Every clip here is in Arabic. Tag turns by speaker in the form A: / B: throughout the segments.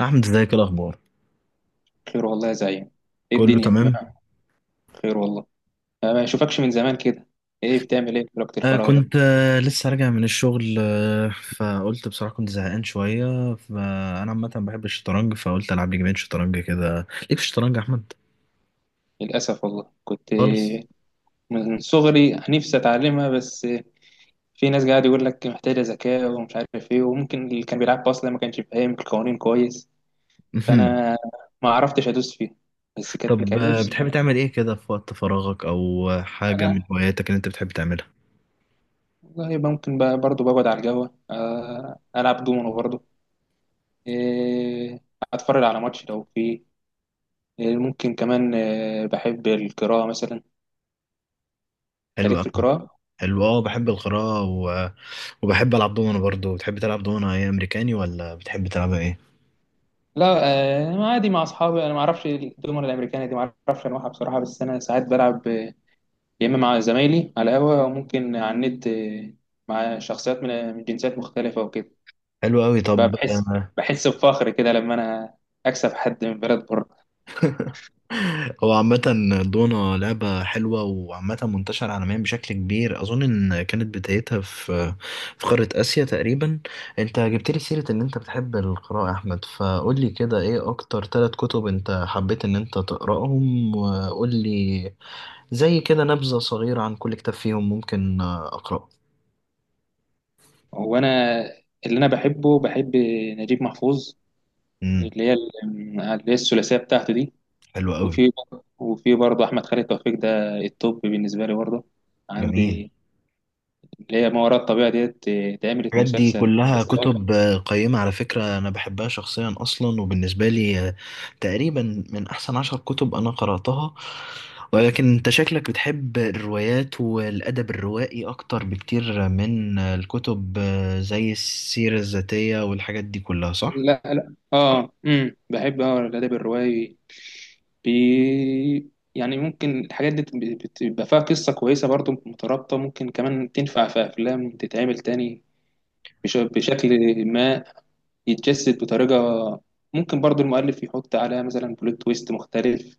A: أحمد ازيك؟ إيه الأخبار؟
B: خير والله يا زعيم. ايه
A: كله
B: الدنيا ما-
A: تمام؟
B: خير والله. ما اشوفكش من زمان كده. ايه بتعمل ايه في وقت الفراغ ده؟
A: كنت لسه راجع من الشغل. فقلت بصراحة كنت زهقان شوية، فأنا عامة بحب الشطرنج، فقلت ألعب لي جيمين شطرنج كده. ليك في الشطرنج يا أحمد؟
B: للاسف والله، كنت
A: خالص؟
B: من صغري نفسي اتعلمها، بس في ناس قاعد يقول لك محتاجه ذكاء ومش عارف ايه، وممكن اللي كان بيلعب اصلا ما كانش فاهم القوانين كويس.
A: مهم.
B: فانا ما عرفتش ادوس فيها، بس كانت
A: طب
B: كان نفسي.
A: بتحب تعمل إيه كده في وقت فراغك، أو حاجة من
B: انا
A: هواياتك اللي أنت بتحب تعملها؟
B: والله يبقى ممكن بقى برضه بقعد على القهوه، العب دومينو برضه. إيه، اتفرج على ماتش لو فيه. ممكن كمان، بحب القراءة مثلا.
A: حلو
B: تاريخ في
A: أوي.
B: القراءة.
A: حلو. أه بحب القراءة وبحب ألعب دومنة برضه. بتحب تلعب دومنة إيه، أمريكاني ولا بتحب تلعبها إيه؟
B: لا، عادي مع أصحابي. أنا ما أعرفش الدومنة الأمريكانية دي، ما أعرفش أنواعها بصراحة، بس أنا ساعات بلعب، يا إما مع زمايلي على القهوة أو ممكن على النت، مع شخصيات من من جنسيات مختلفة وكده.
A: حلو أوي.
B: بقى
A: طب
B: بحس بفخر كده لما أنا أكسب حد من بلد بره.
A: هو عامة دونا لعبة حلوة، وعامة منتشرة عالميا بشكل كبير. أظن إن كانت بدايتها في قارة آسيا تقريبا. أنت جبت لي سيرة إن أنت بتحب القراءة يا أحمد، فقول لي كده إيه أكتر ثلاث كتب أنت حبيت إن أنت تقرأهم، وقول لي زي كده نبذة صغيرة عن كل كتاب فيهم ممكن أقرأه.
B: وأنا اللي أنا بحبه، بحب نجيب محفوظ،
A: امم
B: اللي هي ال- اللي هي الثلاثية بتاعته دي.
A: حلو قوي.
B: وفي وفي برضه احمد خالد توفيق، ده التوب بالنسبه لي برضه
A: جميل.
B: عندي، اللي هي ما وراء الطبيعه ديت، اتعملت
A: الحاجات دي
B: مسلسل
A: كلها
B: بس لو.
A: كتب قيمة على فكرة، أنا بحبها شخصيا أصلا، وبالنسبة لي تقريبا من أحسن عشر كتب أنا قرأتها. ولكن أنت شكلك بتحب الروايات والأدب الروائي أكتر بكتير من الكتب زي السيرة الذاتية والحاجات دي كلها، صح؟
B: لا لا، بحب الادب الروائي. يعني ممكن الحاجات دي بتبقى فيها قصه كويسه برضه مترابطه، ممكن كمان تنفع في افلام تتعمل تاني بشكل ما يتجسد بطريقه. ممكن برضه المؤلف يحط عليها مثلا بلوت تويست مختلف.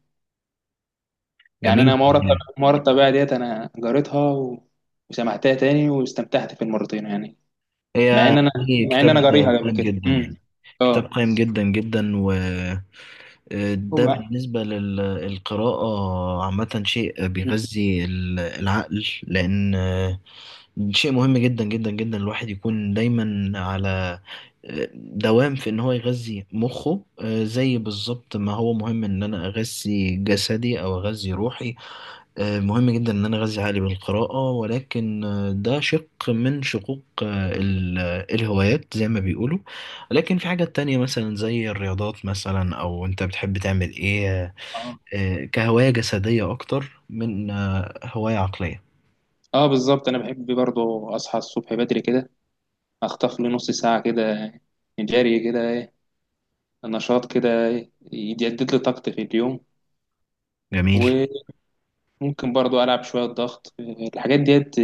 B: يعني
A: جميل.
B: انا مره الطبيعه ديت انا جريتها وسمعتها تاني واستمتعت في المرتين يعني. مع
A: هي
B: ان انا
A: هي
B: مع ان
A: كتاب
B: انا جاريها قبل
A: قيم
B: كده.
A: جدا يعني، كتاب
B: اه
A: قيم جدا جدا. ده
B: وبقى.
A: بالنسبة للقراءة عامة، شيء بيغذي العقل، لأن شيء مهم جدا جدا جدا الواحد يكون دايما على دوام في ان هو يغذي مخه، زي بالظبط ما هو مهم ان انا اغذي جسدي او اغذي روحي. مهم جدا ان انا اغذي عقلي بالقراءة، ولكن ده شق من شقوق الهوايات زي ما بيقولوا. لكن في حاجات تانية مثلا زي الرياضات مثلا، او انت بتحب تعمل ايه
B: اه
A: كهواية جسدية اكتر من هواية عقلية.
B: بالظبط، انا بحب برضو اصحى الصبح بدري كده، اخطف لي نص ساعه كده، جري كده، نشاط كده، يجدد لي طاقتي في اليوم.
A: جميل.
B: وممكن برضو العب شويه ضغط، الحاجات ديت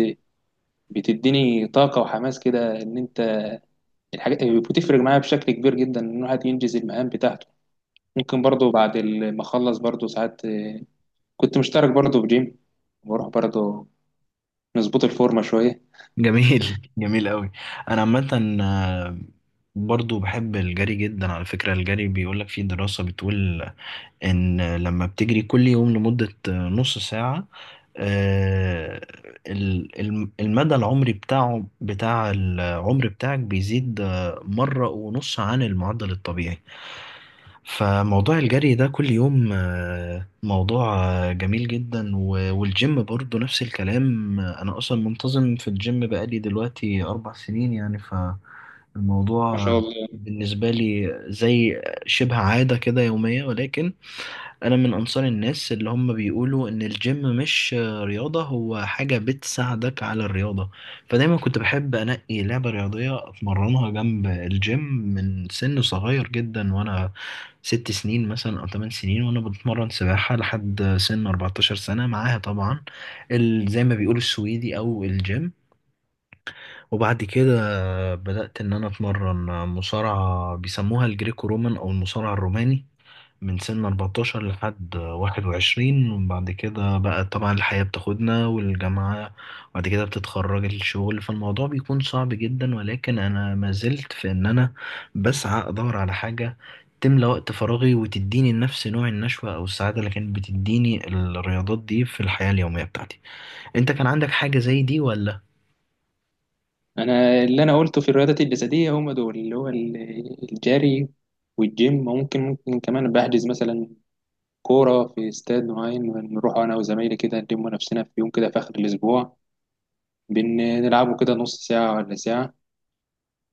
B: بتديني طاقه وحماس كده، ان انت الحاجات بتفرق معايا بشكل كبير جدا ان الواحد ينجز المهام بتاعته. ممكن برضو بعد ما اخلص برضو ساعات، كنت مشترك برضو في جيم، بروح برضو نظبط الفورمه شويه.
A: جميل جميل قوي. انا عامه برضو بحب الجري جدا على فكره. الجري بيقولك في دراسه بتقول ان لما بتجري كل يوم لمده نص ساعه، آه، المدى العمري بتاعه، بتاع العمر بتاعك، بيزيد مره ونص عن المعدل الطبيعي. فموضوع الجري ده كل يوم موضوع جميل جدا. والجيم برضو نفس الكلام. أنا أصلا منتظم في الجيم بقالي دلوقتي 4 سنين يعني،
B: ما
A: فالموضوع
B: شاء الله.
A: بالنسبة لي زي شبه عادة كده يومية. ولكن انا من انصار الناس اللي هم بيقولوا ان الجيم مش رياضة، هو حاجة بتساعدك على الرياضة. فدايما كنت بحب انقي لعبة رياضية اتمرنها جنب الجيم من سن صغير جدا، وانا 6 سنين مثلا او 8 سنين وانا بتمرن سباحة لحد سن 14 سنة، معاها طبعا زي ما بيقولوا السويدي او الجيم. وبعد كده بدأت ان انا اتمرن مصارعة بيسموها الجريكو رومان او المصارعة الروماني من سن 14 لحد 21. وبعد كده بقى طبعا الحياة بتاخدنا، والجامعة، وبعد كده بتتخرج الشغل، فالموضوع بيكون صعب جدا. ولكن أنا ما زلت في إن أنا بسعى أدور على حاجة تملى وقت فراغي، وتديني نفس نوع النشوة أو السعادة اللي كانت بتديني الرياضات دي في الحياة اليومية بتاعتي. أنت كان عندك حاجة زي دي ولا؟
B: انا اللي انا قلته في الرياضات الجسديه هم دول، اللي هو الجري والجيم. ممكن كمان بحجز مثلا كوره في استاد معين، نروح انا وزمايلي كده نلم نفسنا في يوم كده في اخر الاسبوع، بنلعبه كده نص ساعه ولا ساعه،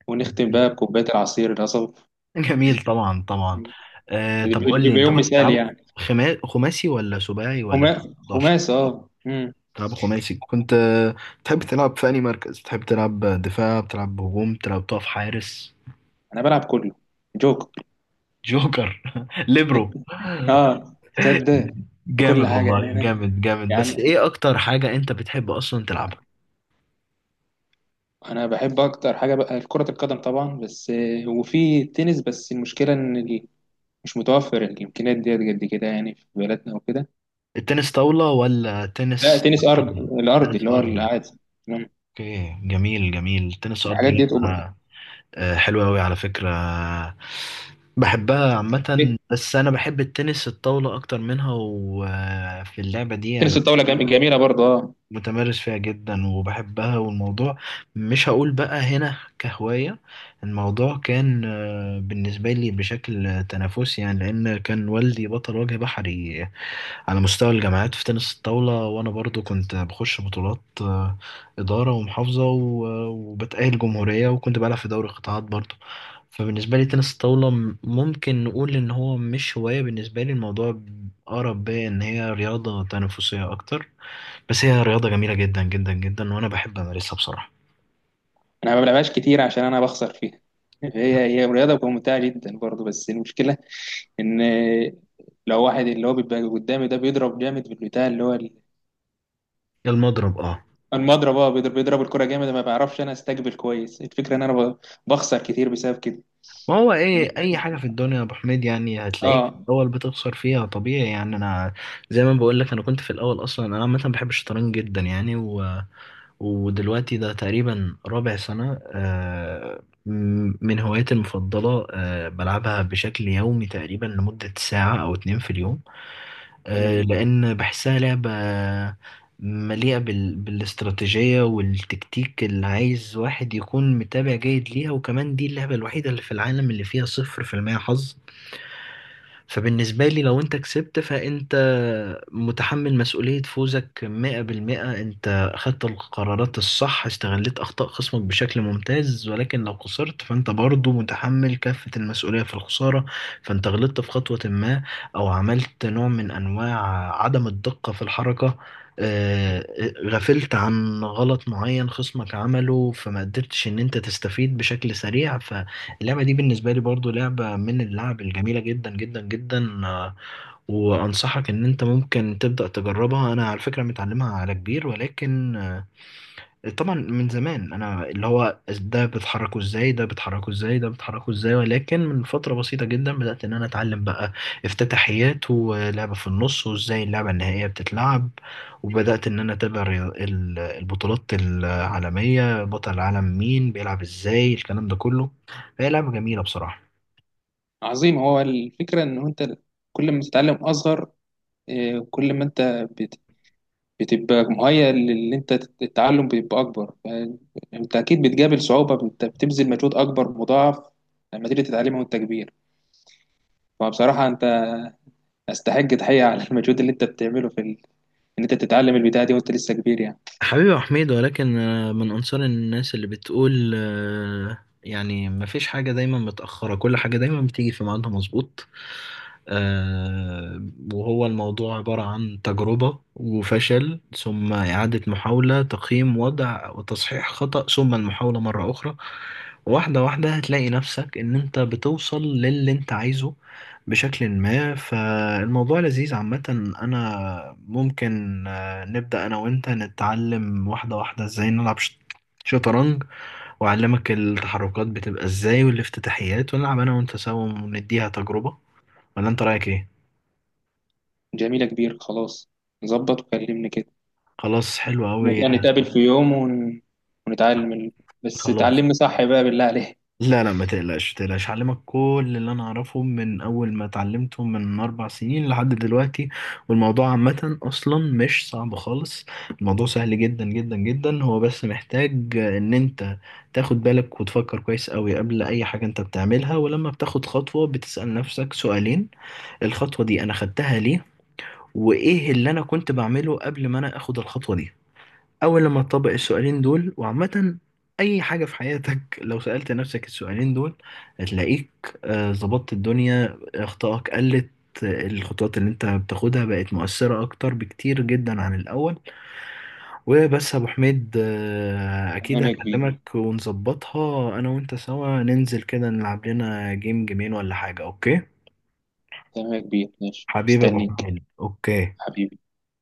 B: ونختم بقى بكوبايه العصير القصب.
A: جميل. طبعا طبعا. آه طب
B: بيبقى
A: قول لي،
B: بيبقى
A: أنت
B: يوم
A: كنت
B: مثالي
A: بتلعب
B: يعني.
A: خماسي ولا سباعي ولا بتلعب 11؟
B: خماس،
A: تلعب خماسي. كنت تحب تلعب في أي مركز؟ بتحب تلعب دفاع، بتلعب هجوم، بتلعب تقف حارس؟
B: انا بلعب كله، جوكر.
A: جوكر ليبرو.
B: اه تصدق. في كل
A: جامد
B: حاجه يعني
A: والله،
B: انا،
A: جامد جامد. بس
B: يعني
A: ايه اكتر حاجة انت بتحب اصلا تلعبها؟
B: انا بحب اكتر حاجه بقى كره القدم طبعا، بس، وفي تنس، بس المشكله ان مش متوفر الامكانيات ديت قد كده يعني في بلدنا وكده.
A: التنس طاولة ولا
B: لا،
A: تنس
B: تنس
A: ارضي؟
B: الارضي
A: تنس
B: اللي هو
A: ارضي.
B: العادي. تمام.
A: اوكي جميل. جميل التنس الارضي،
B: الحاجات ديت أم-
A: لعبة حلوة اوي على فكرة، بحبها عامة. بس انا بحب التنس الطاولة اكتر منها، وفي اللعبة دي
B: تنس
A: انا
B: الطاوله جميله برضه، اه.
A: متمرس فيها جدا وبحبها. والموضوع مش هقول بقى هنا كهواية، الموضوع كان بالنسبة لي بشكل تنافسي يعني، لأن كان والدي بطل وجه بحري على مستوى الجامعات في تنس الطاولة. وأنا برضو كنت بخش بطولات إدارة ومحافظة، وبتأهل جمهورية، وكنت بلعب في دوري قطاعات برضو. فبالنسبة لي تنس الطاولة ممكن نقول إن هو مش هواية بالنسبة لي، الموضوع أقرب بيا إن هي رياضة تنافسية أكتر. بس هي رياضة جميلة جدا جدا جدا، وأنا بحب أمارسها بصراحة.
B: انا ما بلعبهاش كتير عشان انا بخسر فيها هي رياضه ممتعه جدا برضه، بس المشكله ان، لو واحد اللي هو بيبقى قدامي ده بيضرب جامد بالبتاع اللي هو
A: المضرب أه.
B: المضرب. اه، بيضرب الكرة جامد، ما بعرفش انا استقبل كويس. الفكرة ان انا بخسر كتير بسبب كده.
A: ما هو
B: إن-
A: إيه، أي حاجة في الدنيا يا أبو حميد يعني هتلاقيك في
B: اه
A: الأول بتخسر فيها، طبيعي يعني. أنا زي ما بقول لك، أنا كنت في الأول أصلا. أنا عامة بحب الشطرنج جدا يعني، ودلوقتي ده تقريبا رابع سنة من هواياتي المفضلة، بلعبها بشكل يومي تقريبا لمدة ساعة أو اتنين في اليوم،
B: مم.
A: لأن بحسها لعبة مليئة بالاستراتيجية والتكتيك، اللي عايز واحد يكون متابع جيد ليها. وكمان دي اللعبة الوحيدة اللي في العالم اللي فيها صفر في المية حظ. فبالنسبة لي لو انت كسبت، فانت متحمل مسؤولية فوزك 100%، انت اخدت القرارات الصح، استغلت اخطاء خصمك بشكل ممتاز. ولكن لو خسرت فانت برضو متحمل كافة المسؤولية في الخسارة، فانت غلطت في خطوة ما، او عملت نوع من انواع عدم الدقة في الحركة، آه، غفلت عن غلط معين خصمك عمله، فما قدرتش ان انت تستفيد بشكل سريع. ف اللعبة دي بالنسبة لي برضو لعبة من اللعب الجميلة جدا جدا جدا. وأنصحك إن أنت ممكن تبدأ تجربها. أنا على فكرة متعلمها على كبير، ولكن طبعا من زمان أنا اللي هو ده بتحركه إزاي، ده بتحركه إزاي، ده بتحركه إزاي. ولكن من فترة بسيطة جدا بدأت إن أنا أتعلم بقى افتتاحيات، ولعبة في النص، وإزاي اللعبة النهائية بتتلعب. وبدأت إن أنا أتابع البطولات العالمية، بطل العالم مين، بيلعب إزاي، الكلام ده كله. فهي لعبة جميلة بصراحة.
B: عظيم. هو الفكرة ان هو انت كل ما تتعلم اصغر، كل ما انت بت- بتبقى مهيأ، للي انت التعلم بيبقى اكبر. انت اكيد بتقابل صعوبة، انت بتبذل مجهود اكبر مضاعف لما تيجي تتعلمه وانت كبير. فبصراحة انت استحق تحية على المجهود اللي انت بتعمله في ان انت تتعلم البتاعة دي وانت لسه كبير يعني.
A: حبيبي يا حميد. ولكن من أنصار الناس اللي بتقول يعني مفيش حاجة دايما متأخرة، كل حاجة دايما بتيجي في ميعادها مظبوط. آه، وهو الموضوع عبارة عن تجربة وفشل، ثم إعادة محاولة، تقييم وضع، وتصحيح خطأ، ثم المحاولة مرة أخرى. واحدة واحدة هتلاقي نفسك إن أنت بتوصل للي أنت عايزه بشكل ما. فالموضوع لذيذ عامة. أنا ممكن نبدأ أنا وأنت نتعلم واحدة واحدة إزاي نلعب شطرنج، وأعلمك التحركات بتبقى إزاي والافتتاحيات، ونلعب أنا وأنت سوا ونديها تجربة. ولا أنت رأيك إيه؟
B: جميلة كبير، خلاص، ظبط وكلمني كده،
A: خلاص حلو أوي.
B: نبقى نتقابل في يوم ونتعلم بس
A: خلاص.
B: تعلمني صح بقى بالله عليك.
A: لا، ما تقلقش، هعلمك كل اللي انا اعرفه من اول ما اتعلمته من 4 سنين لحد دلوقتي. والموضوع عامة اصلا مش صعب خالص، الموضوع سهل جدا جدا جدا. هو بس محتاج ان انت تاخد بالك وتفكر كويس قوي قبل اي حاجة انت بتعملها. ولما بتاخد خطوة، بتسأل نفسك سؤالين: الخطوة دي انا خدتها ليه، وايه اللي انا كنت بعمله قبل ما انا اخد الخطوة دي. أول لما تطبق السؤالين دول، وعامة أي حاجة في حياتك لو سألت نفسك السؤالين دول، هتلاقيك ظبطت الدنيا، أخطائك قلت، الخطوات اللي أنت بتاخدها بقت مؤثرة أكتر بكتير جدا عن الأول. وبس يا أبو حميد، أكيد
B: تمام يا كبير،
A: هكلمك ونظبطها أنا وأنت سوا، ننزل كده نلعب لنا جيم جيمين ولا حاجة، أوكي؟
B: تمام يا كبير، ماشي
A: حبيبي يا أبو
B: مستنيك.
A: حميد، أوكي.
B: حبيبي.